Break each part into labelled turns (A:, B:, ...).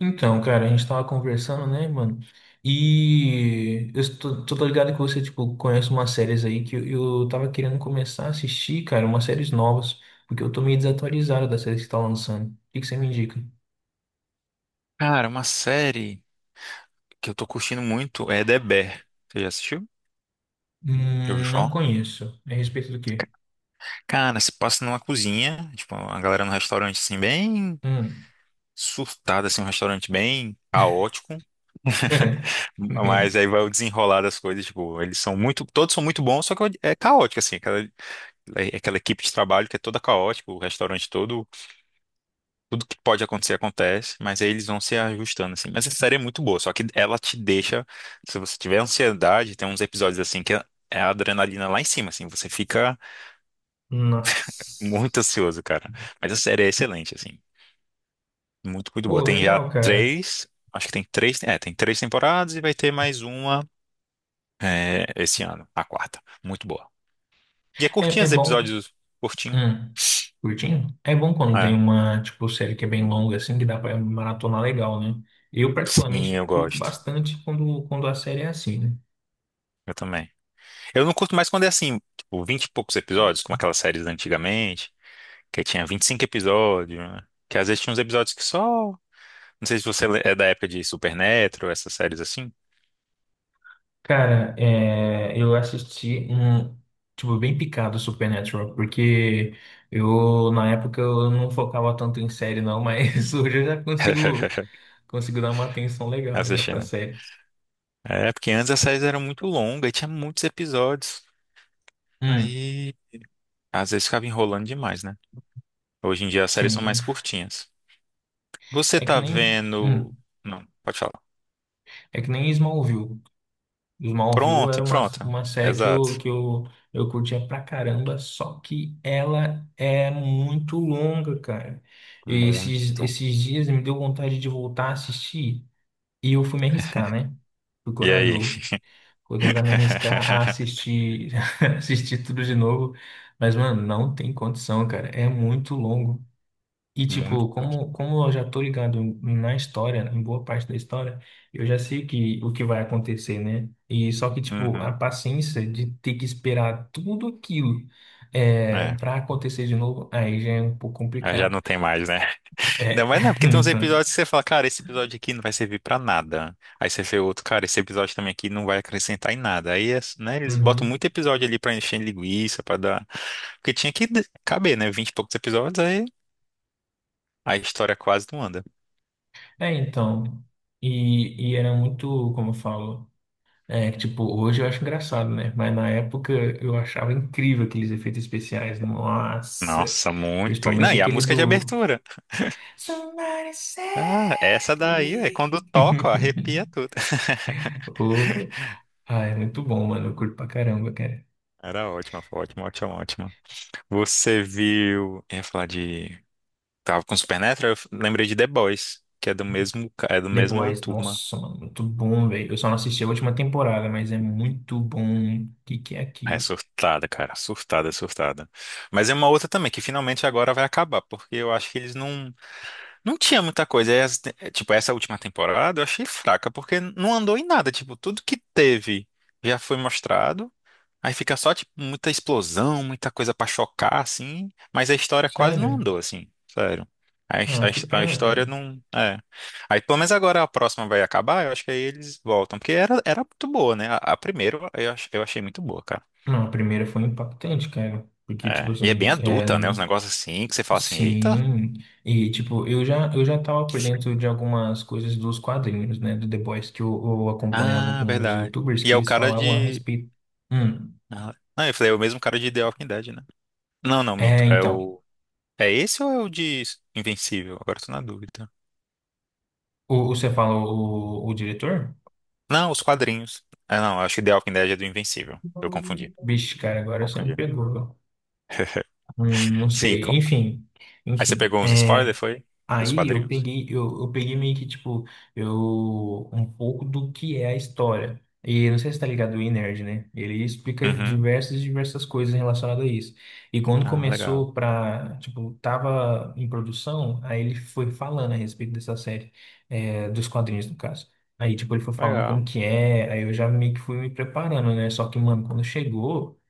A: Então, cara, a gente tava conversando, né, mano? E eu tô ligado que você, tipo, conhece umas séries aí que eu tava querendo começar a assistir, cara, umas séries novas, porque eu tô meio desatualizado das séries que tá lançando. O que que você me indica?
B: Cara, uma série que eu tô curtindo muito é The Bear. Você já assistiu? Já ouviu
A: Não
B: falar?
A: conheço. É a respeito do quê?
B: Cara, se passa numa cozinha, tipo, a galera num restaurante assim, bem
A: Hum.
B: surtada, assim, um restaurante bem caótico. Mas aí vai o desenrolar das coisas, tipo, eles são muito, todos são muito bons, só que é caótico, assim, aquela, é aquela equipe de trabalho que é toda caótica, o restaurante todo. Tudo que pode acontecer acontece, mas aí eles vão se ajustando assim. Mas a série é muito boa, só que ela te deixa, se você tiver ansiedade, tem uns episódios assim que é a adrenalina lá em cima, assim, você fica muito
A: Nossa.
B: ansioso, cara. Mas a série é excelente, assim, muito, muito boa.
A: Oh,
B: Tem já
A: legal, cara.
B: três, acho que tem três, é, tem três temporadas e vai ter mais uma, é, esse ano, a quarta. Muito boa. E é curtinha,
A: É, é
B: os
A: bom.
B: episódios curtinho.
A: Hum, curtinho? É bom quando
B: É,
A: tem uma, tipo, série que é bem longa, assim, que dá pra maratonar legal, né? Eu,
B: sim, eu
A: particularmente, curto
B: gosto.
A: bastante quando a série é assim, né?
B: Eu também. Eu não curto mais quando é assim, tipo, 20 e poucos episódios, como aquelas séries antigamente. Que tinha 25 episódios, né? Que às vezes tinha uns episódios que só. Não sei se é da época de Supernatural, essas séries assim.
A: Cara, é, eu assisti um, tipo, bem picado Supernatural, porque eu, na época, eu não focava tanto em série, não, mas hoje eu já consigo, consigo dar uma atenção legal já pra
B: Assistindo.
A: série.
B: É, porque antes as séries eram muito longas e tinha muitos episódios.
A: Hum,
B: Aí, às vezes ficava enrolando demais, né? Hoje em dia as séries são
A: sim.
B: mais curtinhas. Você
A: É que
B: tá
A: nem, hum,
B: vendo. Não, pode falar.
A: é que nem Smallville. Smallville
B: Pronto,
A: era
B: pronto.
A: uma série que eu,
B: Exato.
A: que eu, eu curtia pra caramba, só que ela é muito longa, cara. E
B: Muito.
A: esses dias me deu vontade de voltar a assistir e eu fui me arriscar, né? Fui
B: E aí?
A: corajoso. Vou tentar me arriscar a assistir, assistir tudo de novo. Mas, mano, não tem condição, cara. É muito longo. E, tipo,
B: Muito.
A: como eu já tô ligado na história, em boa parte da história, eu já sei que, o que vai acontecer, né? E só que, tipo, a
B: Uhum.
A: paciência de ter que esperar tudo aquilo é,
B: É.
A: para acontecer de novo, aí já é um pouco
B: Ah, já
A: complicado.
B: não tem mais, né? Ainda
A: É,
B: mais não, porque tem uns
A: então.
B: episódios que você fala, cara, esse episódio aqui não vai servir pra nada. Aí você vê outro, cara, esse episódio também aqui não vai acrescentar em nada. Aí, né, eles botam
A: Uhum.
B: muito episódio ali pra encher linguiça, pra dar. Porque tinha que caber, né? Vinte e poucos episódios, aí a história quase não anda.
A: É, então. E era muito, como eu falo, é, que, tipo, hoje eu acho engraçado, né? Mas na época eu achava incrível aqueles efeitos especiais. Nossa!
B: Nossa, muito. E não,
A: Principalmente
B: e a
A: aquele
B: música é de
A: do
B: abertura?
A: Somebody
B: Ah, essa
A: save
B: daí, é quando
A: me.
B: toca, ó, arrepia tudo.
A: Opa. Ah, é muito bom, mano. Eu curto pra caramba, cara.
B: Era ótima, foi ótima, ótima, ótima. Você viu. Eu ia falar de. Tava com Supernatural, lembrei de The Boys, que é do mesmo, é do mesma
A: Depois,
B: turma.
A: nossa, mano, muito bom, velho. Eu só não assisti a última temporada, mas é muito bom. O que que é
B: É
A: aquilo?
B: surtada, cara, surtada, surtada. Mas é uma outra também que finalmente agora vai acabar, porque eu acho que eles não tinha muita coisa. É, é, tipo, essa última temporada eu achei fraca, porque não andou em nada, tipo, tudo que teve já foi mostrado. Aí fica só, tipo, muita explosão, muita coisa pra chocar, assim, mas a história quase não
A: Sério?
B: andou, assim, sério. A, his-
A: Ah,
B: a,
A: que
B: his- a
A: pena,
B: história
A: cara.
B: não. É. Aí, pelo menos agora a próxima vai acabar, eu acho que aí eles voltam, porque era, era muito boa, né? A primeira eu achei muito boa, cara.
A: Não, a primeira foi impactante, cara. Porque, tipo
B: É. E é bem
A: assim, é,
B: adulta, né? Os
A: n-
B: negócios assim, que você fala assim, eita.
A: Sim, e tipo, eu já tava por dentro de algumas coisas dos quadrinhos, né, do The Boys, que eu acompanhava
B: Ah,
A: alguns
B: verdade.
A: YouTubers
B: E
A: que
B: é o
A: eles
B: cara
A: falavam a
B: de.
A: respeito. Hum,
B: Ah, não, eu falei, é o mesmo cara de The Walking Dead, né? Não, não, mito.
A: É,
B: É
A: então.
B: o. É esse ou é o de Invencível? Agora eu tô na dúvida.
A: O- você falou o diretor?
B: Não, os quadrinhos. Ah, não, acho que The Walking Dead é do Invencível. Eu confundi.
A: Vixe, cara, agora você me
B: Confundi.
A: pegou. Não
B: Sim,
A: sei. Enfim,
B: aí você
A: enfim.
B: pegou uns spoilers,
A: É,
B: foi? Dos
A: aí eu
B: quadrinhos?
A: peguei, eu peguei meio que, tipo, eu, um pouco do que é a história. E não sei se tá ligado o nerd, né? Ele explica
B: Uhum.
A: diversas coisas relacionadas a isso. E quando
B: Ah, legal.
A: começou pra, tipo, tava em produção, aí ele foi falando a respeito dessa série, é, dos quadrinhos, no caso. Aí, tipo, ele foi falando como
B: Legal.
A: que é, aí eu já meio que fui me preparando, né? Só que, mano, quando chegou,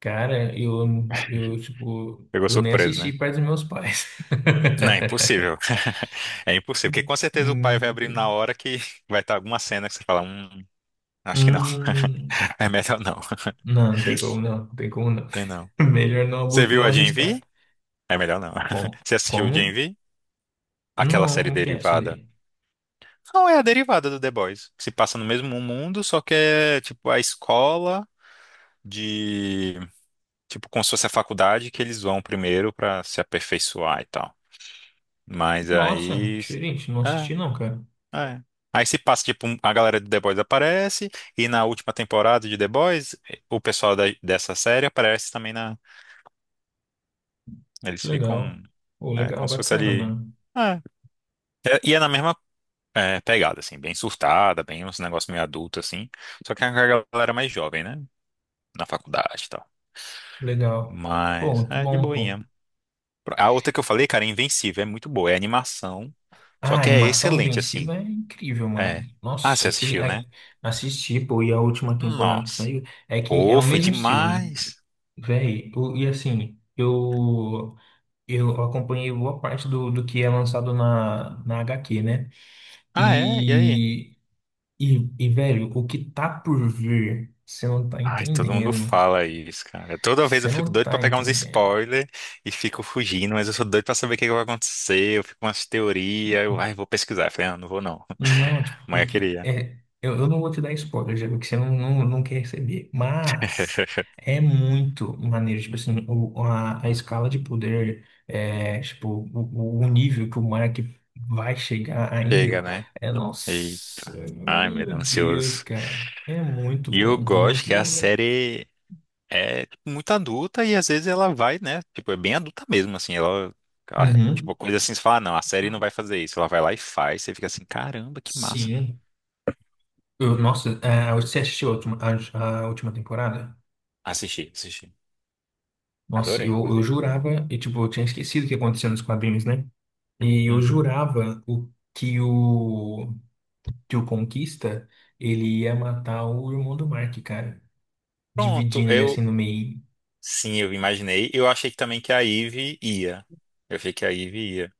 A: cara, eu, tipo,
B: Pegou
A: eu nem
B: surpresa,
A: assisti
B: né?
A: perto dos meus pais.
B: Não, é impossível. É impossível, porque
A: Hum,
B: com certeza o pai vai abrindo na hora que vai estar alguma cena que você fala, acho que não.
A: hum,
B: É melhor não.
A: não, não tem como não.
B: Tem não.
A: Melhor não,
B: Você
A: abu-
B: viu
A: não
B: a Gen
A: arriscar.
B: V? É melhor não.
A: Como?
B: Você assistiu o Gen
A: Como?
B: V? Aquela
A: Não,
B: série
A: como que é essa
B: derivada.
A: daí?
B: Não, é a derivada do The Boys, que se passa no mesmo mundo, só que é tipo a escola. De, tipo, como se fosse a faculdade que eles vão primeiro pra se aperfeiçoar e tal. Mas
A: Nossa,
B: aí
A: diferente, não assisti
B: é,
A: não, cara.
B: é. Aí se passa tipo a galera de The Boys aparece e na última temporada de The Boys o pessoal dessa série aparece também na, eles
A: Legal.
B: ficam,
A: Pô,
B: é,
A: legal,
B: como se fosse
A: bacana,
B: ali
A: mano.
B: é. É, e é na mesma, é, pegada assim, bem surtada, bem uns negócios meio adulto assim, só que é a galera mais jovem, né? Na faculdade e tal.
A: Legal. Pô,
B: Mas
A: muito
B: é de
A: bom, pô.
B: boinha. A outra que eu falei, cara, é Invencível, é muito boa, é animação, só
A: Ah, a
B: que é
A: animação
B: excelente,
A: Invencível
B: assim.
A: é incrível,
B: É.
A: mano.
B: Ah,
A: Nossa,
B: você
A: aquele...
B: assistiu,
A: a-
B: né?
A: assisti, pô, e a última temporada que
B: Nossa.
A: saiu é que é
B: Pô,
A: o
B: foi
A: mesmo estilo, né?
B: demais.
A: Véi. O- E assim, eu... Eu acompanhei boa parte do, do que é lançado na, na HQ, né?
B: Ah, é? E aí?
A: E, e, velho, o que tá por vir, você não tá
B: Ai, todo mundo
A: entendendo.
B: fala isso, cara. Toda vez eu
A: Você
B: fico
A: não
B: doido pra
A: tá
B: pegar uns
A: entendendo.
B: spoilers e fico fugindo, mas eu sou doido pra saber o que que vai acontecer. Eu fico com umas teorias, eu, ai, vou pesquisar. Eu falei, ah, não vou não.
A: Não, tipo,
B: Mas eu
A: porque
B: queria.
A: é, eu não vou te dar spoiler, já vi que você não quer receber. Mas é muito maneiro, tipo assim, o, a escala de poder, é, tipo, o nível que o Mark vai chegar ainda.
B: Chega, né?
A: É,
B: E,
A: nossa,
B: ai, meu
A: meu
B: Deus,
A: Deus,
B: ansioso.
A: cara. É muito
B: E eu
A: bom,
B: gosto
A: muito
B: que é a
A: bom.
B: série. É, tipo, muito adulta e às vezes ela vai, né? Tipo, é bem adulta mesmo, assim, ela, tipo,
A: Uhum,
B: coisa assim, você fala, "Ah, não, a série não vai fazer isso." Ela vai lá e faz, você fica assim, caramba, que massa.
A: sim. Eu- nossa, é, você assistiu a última temporada?
B: Assisti, assisti.
A: Nossa,
B: Adorei,
A: eu
B: inclusive.
A: jurava, e tipo, eu tinha esquecido o que aconteceu nos quadrinhos, né? E eu
B: Uhum.
A: jurava o, que o que o Conquista ele ia matar o irmão do Mark, cara.
B: Pronto,
A: Dividindo ele assim
B: eu,
A: no meio.
B: sim, eu imaginei, eu achei que também que a Ivy ia. Eu achei que a Ivy ia. O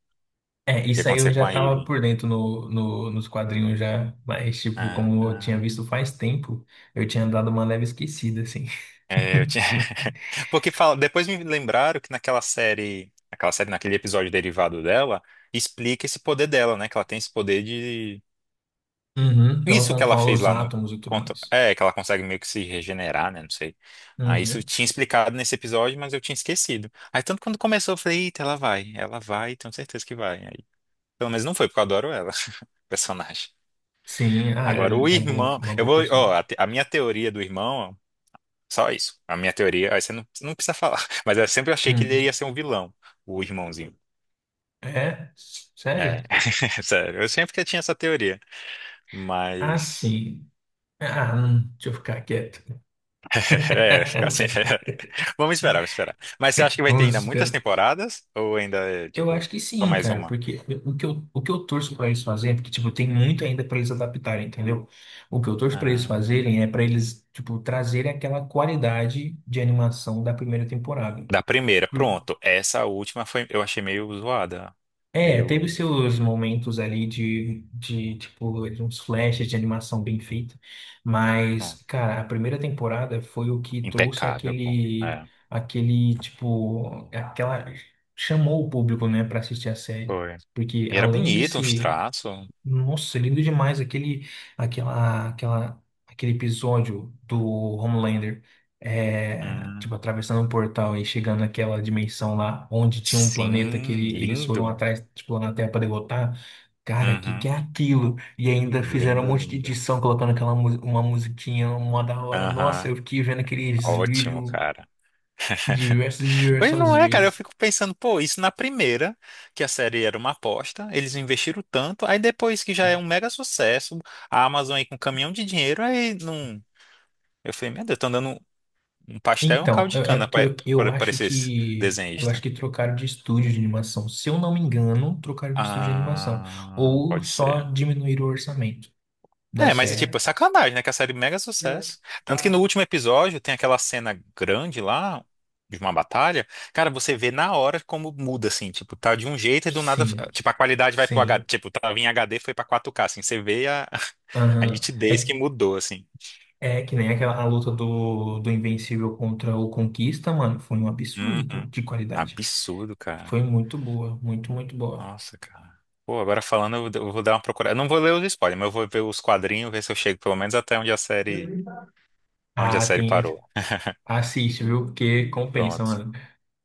A: É,
B: que ia
A: isso aí eu
B: acontecer com
A: já
B: a
A: tava
B: Ivy?
A: por dentro no, no- nos quadrinhos já, mas tipo,
B: Ah,
A: como eu tinha
B: ah.
A: visto faz tempo, eu tinha dado uma leve esquecida, assim.
B: É, eu tinha... Porque fala, depois me lembraram que naquela série, naquele episódio derivado dela, explica esse poder dela, né? Que ela tem esse poder.
A: Uhum, que ela
B: Isso que ela
A: controla
B: fez
A: os
B: lá no.
A: átomos e tudo mais.
B: É, que ela consegue meio que se regenerar, né? Não sei. Ah, isso eu
A: Uhum.
B: tinha explicado nesse episódio, mas eu tinha esquecido. Aí tanto quando começou, eu falei, eita, ela vai, tenho certeza que vai. Aí, pelo menos não foi, porque eu adoro ela, personagem.
A: Sim, ah,
B: Agora, o
A: é, é bom,
B: irmão.
A: uma
B: Eu
A: boa
B: vou. Ó, a,
A: personagem.
B: te- a minha teoria do irmão, só isso. A minha teoria, aí você não precisa falar. Mas eu sempre achei que ele ia
A: Hum.
B: ser um vilão, o irmãozinho.
A: É?
B: É.
A: Sério?
B: Sério, eu sempre que tinha essa teoria.
A: Ah,
B: Mas.
A: sim. Ah, deixa eu ficar quieto.
B: É, assim, vamos esperar, vamos esperar. Mas você acha que vai ter
A: Vamos
B: ainda muitas
A: esperar.
B: temporadas? Ou ainda, é,
A: Eu acho
B: tipo,
A: que
B: só
A: sim,
B: mais
A: cara,
B: uma?
A: porque o que eu torço para eles fazerem, porque, tipo, tem muito ainda para eles adaptarem, entendeu? O que eu torço para eles
B: Ah,
A: fazerem é para eles, tipo, trazerem aquela qualidade de animação da primeira temporada.
B: da primeira, pronto. Essa última foi, eu achei meio zoada.
A: É, teve
B: Meio,
A: seus momentos ali de tipo, uns flashes de animação bem feita, mas,
B: pronto,
A: cara, a primeira temporada foi o que trouxe
B: impecável, pô.
A: aquele,
B: É,
A: aquele, tipo, aquela, chamou o público, né, pra assistir a série,
B: foi.
A: porque
B: E era
A: além de
B: bonito, uns
A: ser
B: traços.
A: nossa, lindo demais aquele, aquela, aquela, aquele episódio do Homelander, é,
B: Hum,
A: tipo, atravessando um portal e chegando naquela dimensão lá, onde tinha um planeta que
B: sim,
A: ele, eles foram
B: lindo.
A: atrás, tipo, lá na Terra para derrotar. Cara, que
B: Uhum,
A: é aquilo? E ainda fizeram um
B: lindo,
A: monte de
B: lindo.
A: edição colocando aquela mu- uma musiquinha, uma da hora. Nossa,
B: Aham,
A: eu fiquei vendo aqueles
B: ótimo,
A: vídeos
B: cara.
A: diversas e
B: Pois
A: diversas
B: não é, cara. Eu
A: vezes.
B: fico pensando, pô, isso na primeira, que a série era uma aposta, eles investiram tanto, aí depois que já é um mega sucesso, a Amazon aí com um caminhão de dinheiro, aí não. Eu falei, meu Deus, estão dando um pastel e um
A: Então,
B: caldo de
A: eu- é
B: cana
A: porque
B: para esses
A: eu acho
B: desenhista.
A: que trocaram de estúdio de animação. Se eu não me engano, trocaram de estúdio de animação
B: Ah,
A: ou
B: pode
A: só
B: ser.
A: diminuíram o orçamento da
B: É, mas é
A: série.
B: tipo, é sacanagem, né? Que a série é mega sucesso. Tanto que no último episódio tem aquela cena grande lá, de uma batalha. Cara, você vê na hora como muda, assim. Tipo, tá de um jeito e do nada.
A: Sim,
B: Tipo, a qualidade vai pro HD.
A: sim.
B: Tipo, tava em HD, foi pra 4K, assim. Você vê a, a
A: Aham.
B: nitidez
A: É,
B: que mudou, assim.
A: é que nem aquela a luta do, do Invencível contra o Conquista, mano. Foi um absurdo, pô,
B: Uhum.
A: de qualidade.
B: Absurdo, cara.
A: Foi muito boa, muito, muito boa.
B: Nossa, cara. Pô, agora falando, eu vou dar uma procurada. Eu não vou ler os spoilers, mas eu vou ver os quadrinhos, ver se eu chego pelo menos até onde a
A: Ah,
B: série
A: tem.
B: parou.
A: Assiste, viu? Porque compensa,
B: Pronto.
A: mano.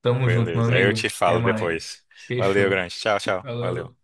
A: Tamo junto, meu
B: Beleza, aí eu te
A: amigo. Até
B: falo depois.
A: mais.
B: Valeu,
A: Fechou.
B: grande. Tchau, tchau.
A: Falou.
B: Valeu.